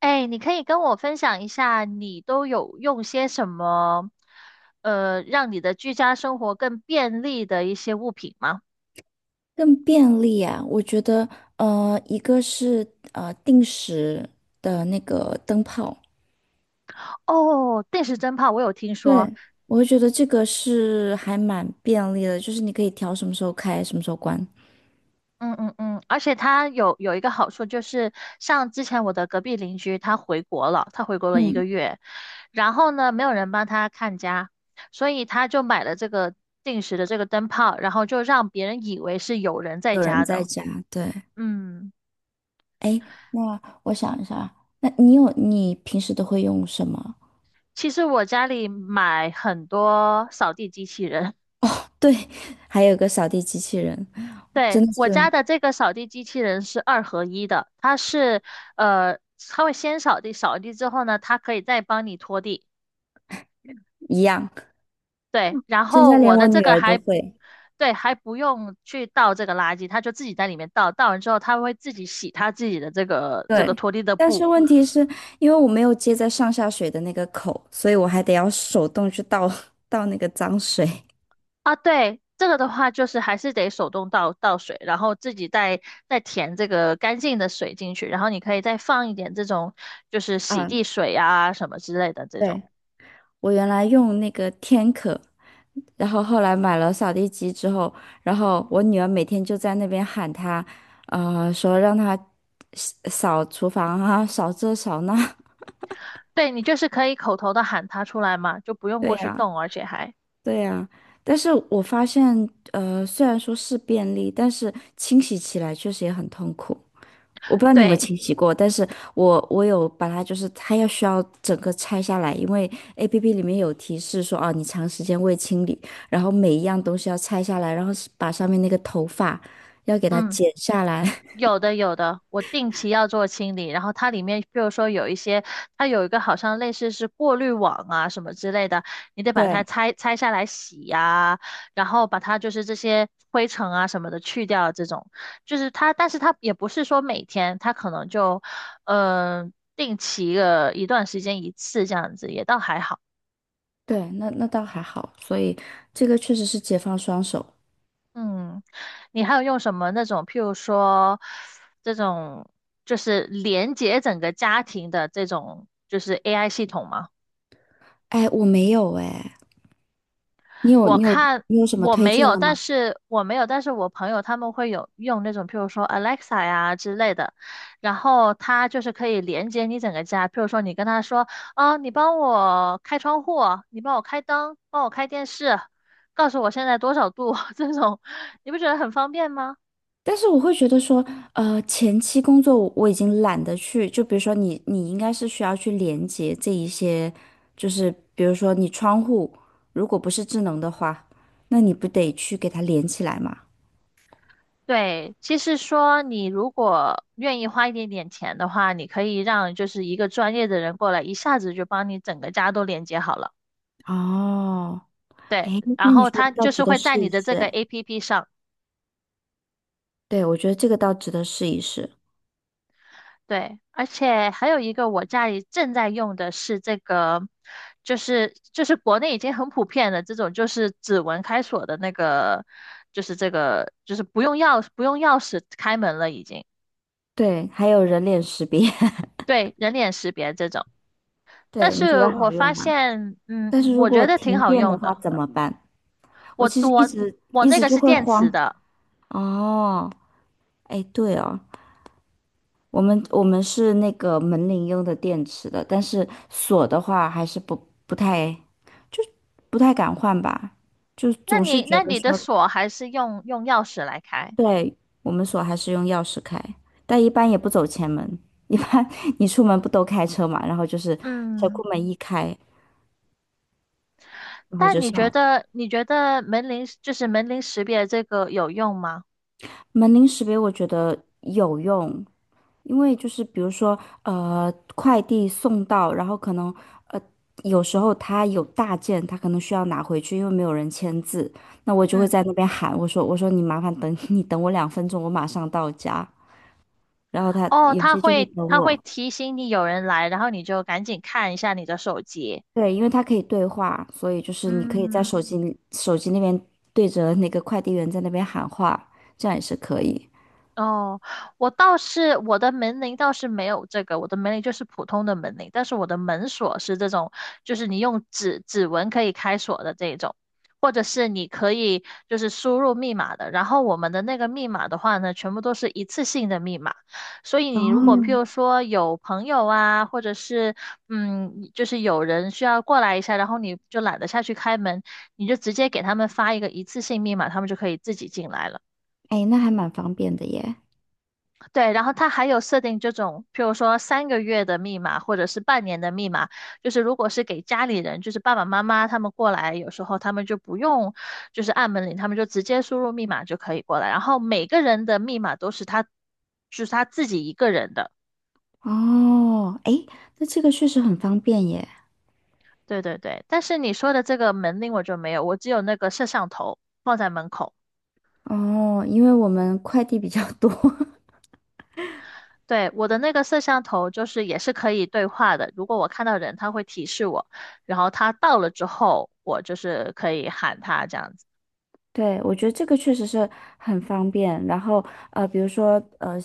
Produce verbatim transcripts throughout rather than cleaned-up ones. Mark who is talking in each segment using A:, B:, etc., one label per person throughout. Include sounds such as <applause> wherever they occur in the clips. A: 哎，你可以跟我分享一下，你都有用些什么，呃，让你的居家生活更便利的一些物品吗？
B: 更便利啊，我觉得，呃，一个是呃定时的那个灯泡。
A: 哦，定时灯泡我有听
B: 对，
A: 说。
B: 我会觉得这个是还蛮便利的，就是你可以调什么时候开，什么时候关。
A: 嗯嗯嗯，而且它有有一个好处就是，像之前我的隔壁邻居他回国了，他回国了一个
B: 嗯，
A: 月，然后呢，没有人帮他看家，所以他就买了这个定时的这个灯泡，然后就让别人以为是有人在
B: 有人
A: 家
B: 在
A: 的。
B: 家，对。
A: 嗯。
B: 哎，那我想一下啊，那你有你平时都会用什么？
A: 其实我家里买很多扫地机器人。
B: 哦，对，还有个扫地机器人，真
A: 对，
B: 的
A: 我
B: 是
A: 家的这个扫地机器人是二合一的，它是呃，它会先扫地，扫地之后呢，它可以再帮你拖地。
B: 一样，
A: 对，然
B: 现
A: 后
B: 在连
A: 我的
B: 我
A: 这
B: 女
A: 个
B: 儿都
A: 还，
B: 会。
A: 对，还不用去倒这个垃圾，它就自己在里面倒，倒完之后它会自己洗它自己的这个这个
B: 对，
A: 拖地的
B: 但是
A: 布。
B: 问题是因为我没有接在上下水的那个口，所以我还得要手动去倒 <laughs> 倒那个脏水。
A: 啊，对，这个的话就是还是得手动倒倒水，然后自己再再填这个干净的水进去，然后你可以再放一点这种就是洗
B: 嗯，
A: 地水啊什么之类的这种。
B: 对，我原来用那个天可，然后后来买了扫地机之后，然后我女儿每天就在那边喊她，呃，说让她扫厨房啊，扫这扫那。
A: 对，你就是可以口头的喊它出来嘛，就不
B: <laughs>
A: 用
B: 对
A: 过去
B: 呀，
A: 动，而且还
B: 对呀。但是我发现，呃，虽然说是便利，但是清洗起来确实也很痛苦。我不知道你有没有
A: 对。
B: 清洗过，但是我我有把它，就是它要需要整个拆下来，因为 A P P 里面有提示说，哦，你长时间未清理，然后每一样东西要拆下来，然后是把上面那个头发要给它
A: 嗯。
B: 剪下来。<laughs>
A: 有的有的，我定期要做清理，然后它里面，比如说有一些，它有一个好像类似是过滤网啊什么之类的，你得把它
B: 对
A: 拆拆下来洗呀、然后把它就是这些灰尘啊什么的去掉，这种就是它，但是它也不是说每天，它可能就嗯、呃定期个一段时间一次这样子，也倒还好。
B: 对，那那倒还好，所以这个确实是解放双手。
A: 嗯，你还有用什么那种，譬如说这种就是连接整个家庭的这种就是 A I 系统吗？
B: 哎，我没有哎，你有
A: 我
B: 你有
A: 看
B: 你有什么
A: 我
B: 推
A: 没
B: 荐
A: 有，
B: 的
A: 但
B: 吗？
A: 是我没有，但是我朋友他们会有用那种，譬如说 Alexa 呀之类的，然后它就是可以连接你整个家，譬如说你跟他说，啊，你帮我开窗户，你帮我开灯，帮我开电视，告诉我现在多少度，<laughs> 这种，你不觉得很方便吗？
B: 但是我会觉得说，呃，前期工作我我已经懒得去，就比如说你，你应该是需要去连接这一些，就是比如说你窗户如果不是智能的话，那你不得去给它连起来嘛？
A: 对，其实说，你如果愿意花一点点钱的话，你可以让就是一个专业的人过来，一下子就帮你整个家都连接好了。
B: 哦，
A: 对，
B: 哎，那
A: 然
B: 你
A: 后
B: 说
A: 他
B: 的倒
A: 就
B: 值
A: 是
B: 得
A: 会在
B: 试
A: 你
B: 一
A: 的
B: 试，
A: 这个
B: 哎，
A: A P P 上。
B: 对，我觉得这个倒值得试一试。
A: 对，而且还有一个我家里正在用的是这个，就是就是国内已经很普遍的这种，就是指纹开锁的那个，就是这个就是不用钥不用钥匙开门了已经。
B: 对，还有人脸识别。<laughs>
A: 对，人脸识别这种。但
B: 对，你觉
A: 是
B: 得好
A: 我发
B: 用吗？
A: 现，嗯，
B: 但是如
A: 我
B: 果
A: 觉得挺
B: 停
A: 好
B: 电的
A: 用
B: 话
A: 的。
B: 怎么办？我
A: 我
B: 其实一
A: 我
B: 直
A: 我
B: 一
A: 那
B: 直
A: 个
B: 就
A: 是
B: 会
A: 电
B: 慌。
A: 磁的。
B: 哦，哎，对哦。我们我们是那个门铃用的电池的，但是锁的话还是不不太，就不太敢换吧，就
A: 那
B: 总是
A: 你
B: 觉
A: 那
B: 得
A: 你的
B: 说，
A: 锁还是用用钥匙来开？
B: 对，我们锁还是用钥匙开，但一般也不走前门，一般 <laughs> 你出门不都开车嘛，然后就是车库
A: 嗯，
B: 门一开，然后
A: 但
B: 就
A: 你
B: 上
A: 觉
B: 了。
A: 得你觉得门铃就是门铃识别这个有用吗？
B: 门铃识别我觉得有用，因为就是比如说，呃，快递送到，然后可能，呃，有时候他有大件，他可能需要拿回去，因为没有人签字，那我就会
A: 嗯，
B: 在那边喊，我说，我说你麻烦等，<laughs> 你等我两分钟，我马上到家。然后他
A: 哦，
B: 有
A: 它
B: 些就会
A: 会
B: 等
A: 它会
B: 我，
A: 提醒你有人来，然后你就赶紧看一下你的手机。
B: 对，因为他可以对话，所以就是你可以在
A: 嗯。
B: 手机里手机那边对着那个快递员在那边喊话，这样也是可以。
A: 哦，我倒是我的门铃倒是没有这个，我的门铃就是普通的门铃，但是我的门锁是这种，就是你用指指纹可以开锁的这一种，或者是你可以就是输入密码的。然后我们的那个密码的话呢，全部都是一次性的密码，所以
B: 哦，
A: 你如果譬
B: 嗯，
A: 如说有朋友啊，或者是嗯，就是有人需要过来一下，然后你就懒得下去开门，你就直接给他们发一个一次性密码，他们就可以自己进来了。
B: 哎，那还蛮方便的耶。
A: 对，然后他还有设定这种，譬如说三个月的密码或者是半年的密码，就是如果是给家里人，就是爸爸妈妈他们过来，有时候他们就不用就是按门铃，他们就直接输入密码就可以过来。然后每个人的密码都是他，就是他自己一个人的。
B: 哦，哎，那这个确实很方便耶。
A: 对对对，但是你说的这个门铃我就没有，我只有那个摄像头放在门口。
B: 哦，因为我们快递比较多。
A: 对，我的那个摄像头就是也是可以对话的，如果我看到人，它会提示我，然后他到了之后，我就是可以喊他这样子。
B: <laughs> 对，我觉得这个确实是很方便。然后，呃，比如说，呃，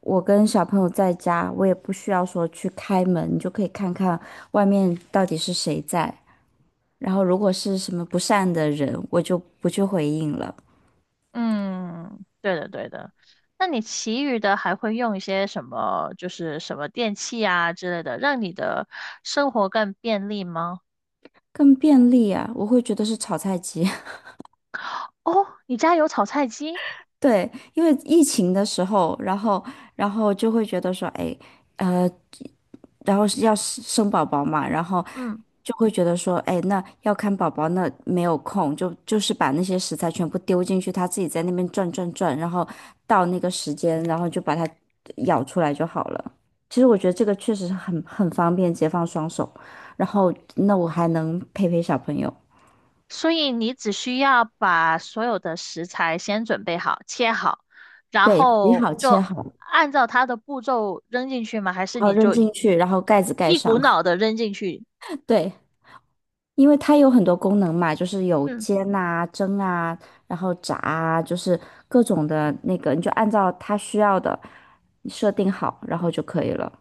B: 我跟小朋友在家，我也不需要说去开门，你就可以看看外面到底是谁在。然后，如果是什么不善的人，我就不去回应了。
A: 嗯，对的，对的。那你其余的还会用一些什么，就是什么电器啊之类的，让你的生活更便利吗？
B: 更便利啊。我会觉得是炒菜机。
A: 哦，你家有炒菜机？
B: <laughs> 对，因为疫情的时候，然后，然后就会觉得说，哎。呃然后是要生生宝宝嘛，然后
A: 嗯。
B: 就会觉得说，哎，那要看宝宝，那没有空，就就是把那些食材全部丢进去，他自己在那边转转转，然后到那个时间，然后就把它舀出来就好了。其实我觉得这个确实是很很方便，解放双手，然后那我还能陪陪小朋友。
A: 所以你只需要把所有的食材先准备好，切好，然
B: 对，洗
A: 后
B: 好切
A: 就
B: 好，
A: 按照它的步骤扔进去吗？还是
B: 然后
A: 你
B: 扔
A: 就一
B: 进去，然后盖子盖
A: 一股
B: 上。
A: 脑的扔进去？
B: <laughs> 对，因为它有很多功能嘛，就是有
A: 嗯，
B: 煎啊、蒸啊，然后炸啊，就是各种的那个，你就按照它需要的设定好，然后就可以了。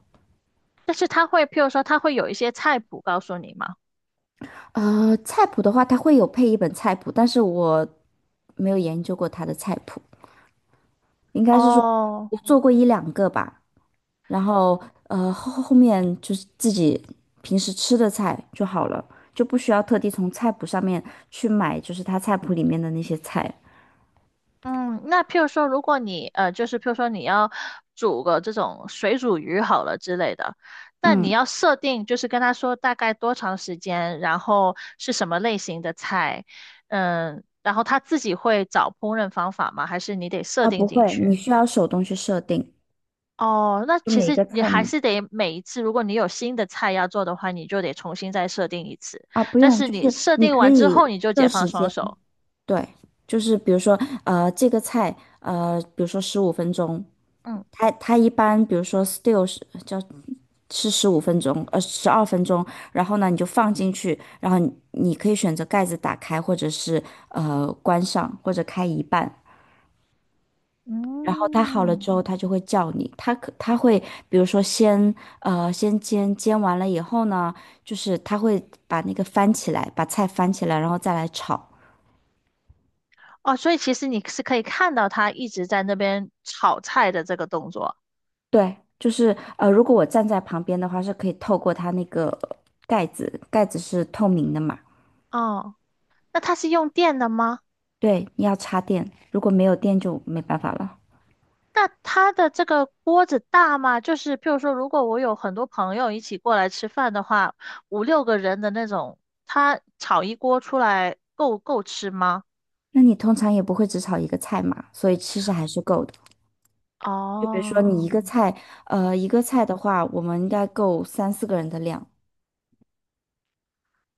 A: 但是它会，譬如说，它会有一些菜谱告诉你吗？
B: 呃，菜谱的话，它会有配一本菜谱，但是我没有研究过它的菜谱，应该是说
A: 哦，
B: 我做过一两个吧，然后呃后后面就是自己平时吃的菜就好了，就不需要特地从菜谱上面去买，就是它菜谱里面的那些菜。
A: 嗯，那譬如说，如果你呃，就是譬如说你要煮个这种水煮鱼好了之类的，那你
B: 嗯。
A: 要设定就是跟他说大概多长时间，然后是什么类型的菜，嗯，然后他自己会找烹饪方法吗？还是你得设
B: 啊，
A: 定
B: 不
A: 进
B: 会，你
A: 去？
B: 需要手动去设定，
A: 哦，那
B: 就
A: 其
B: 每一
A: 实
B: 个
A: 你
B: 菜
A: 还
B: 你
A: 是得每一次，如果你有新的菜要做的话，你就得重新再设定一次。
B: 啊不
A: 但
B: 用，
A: 是
B: 就
A: 你
B: 是
A: 设
B: 你
A: 定
B: 可
A: 完之后，
B: 以
A: 你就
B: 设
A: 解放
B: 时
A: 双
B: 间。
A: 手。
B: 对，就是比如说呃这个菜呃比如说十五分钟，
A: 嗯
B: 它它一般比如说 s t e l 是叫是十五分钟呃十二分钟，然后呢你就放进去，然后你你可以选择盖子打开或者是呃关上或者开一半，然后它好了
A: 嗯。
B: 之后，它就会叫你。它可它会，比如说先呃先煎，煎完了以后呢，就是它会把那个翻起来，把菜翻起来，然后再来炒。
A: 哦，所以其实你是可以看到他一直在那边炒菜的这个动作。
B: 对，就是呃，如果我站在旁边的话，是可以透过它那个盖子，盖子是透明的嘛。
A: 哦，那他是用电的吗？
B: 对，你要插电，如果没有电就没办法了。
A: 那他的这个锅子大吗？就是譬如说，如果我有很多朋友一起过来吃饭的话，五六个人的那种，他炒一锅出来够够吃吗？
B: 那你通常也不会只炒一个菜嘛，所以其实还是够的。就比如说你
A: 哦，
B: 一个菜，呃，一个菜的话，我们应该够三四个人的量。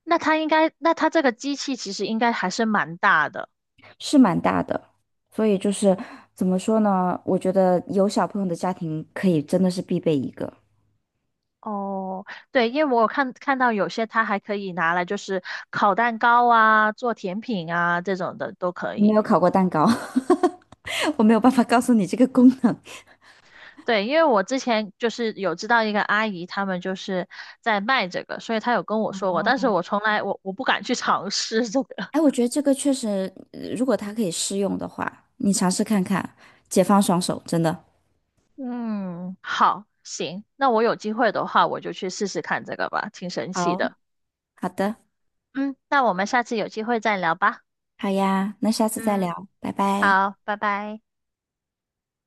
A: 那他应该，那他这个机器其实应该还是蛮大的。
B: 是蛮大的，所以就是怎么说呢？我觉得有小朋友的家庭可以真的是必备一个。
A: 哦，对，因为我看看到有些它还可以拿来就是烤蛋糕啊、做甜品啊这种的都可
B: 我没
A: 以。
B: 有烤过蛋糕。<laughs> 我没有办法告诉你这个功能。
A: 对，因为我之前就是有知道一个阿姨，他们就是在卖这个，所以她有跟我说过，但是我从来我我不敢去尝试这个。<laughs>
B: 哎，我觉得这个确实，呃如果它可以试用的话，你尝试看看，解放双手，真的。
A: 嗯，好，行，那我有机会的话，我就去试试看这个吧，挺神奇
B: 好，
A: 的。
B: 好的，
A: 嗯，那我们下次有机会再聊吧。
B: 好呀，那下次再
A: 嗯，
B: 聊，拜拜。
A: 好，拜拜。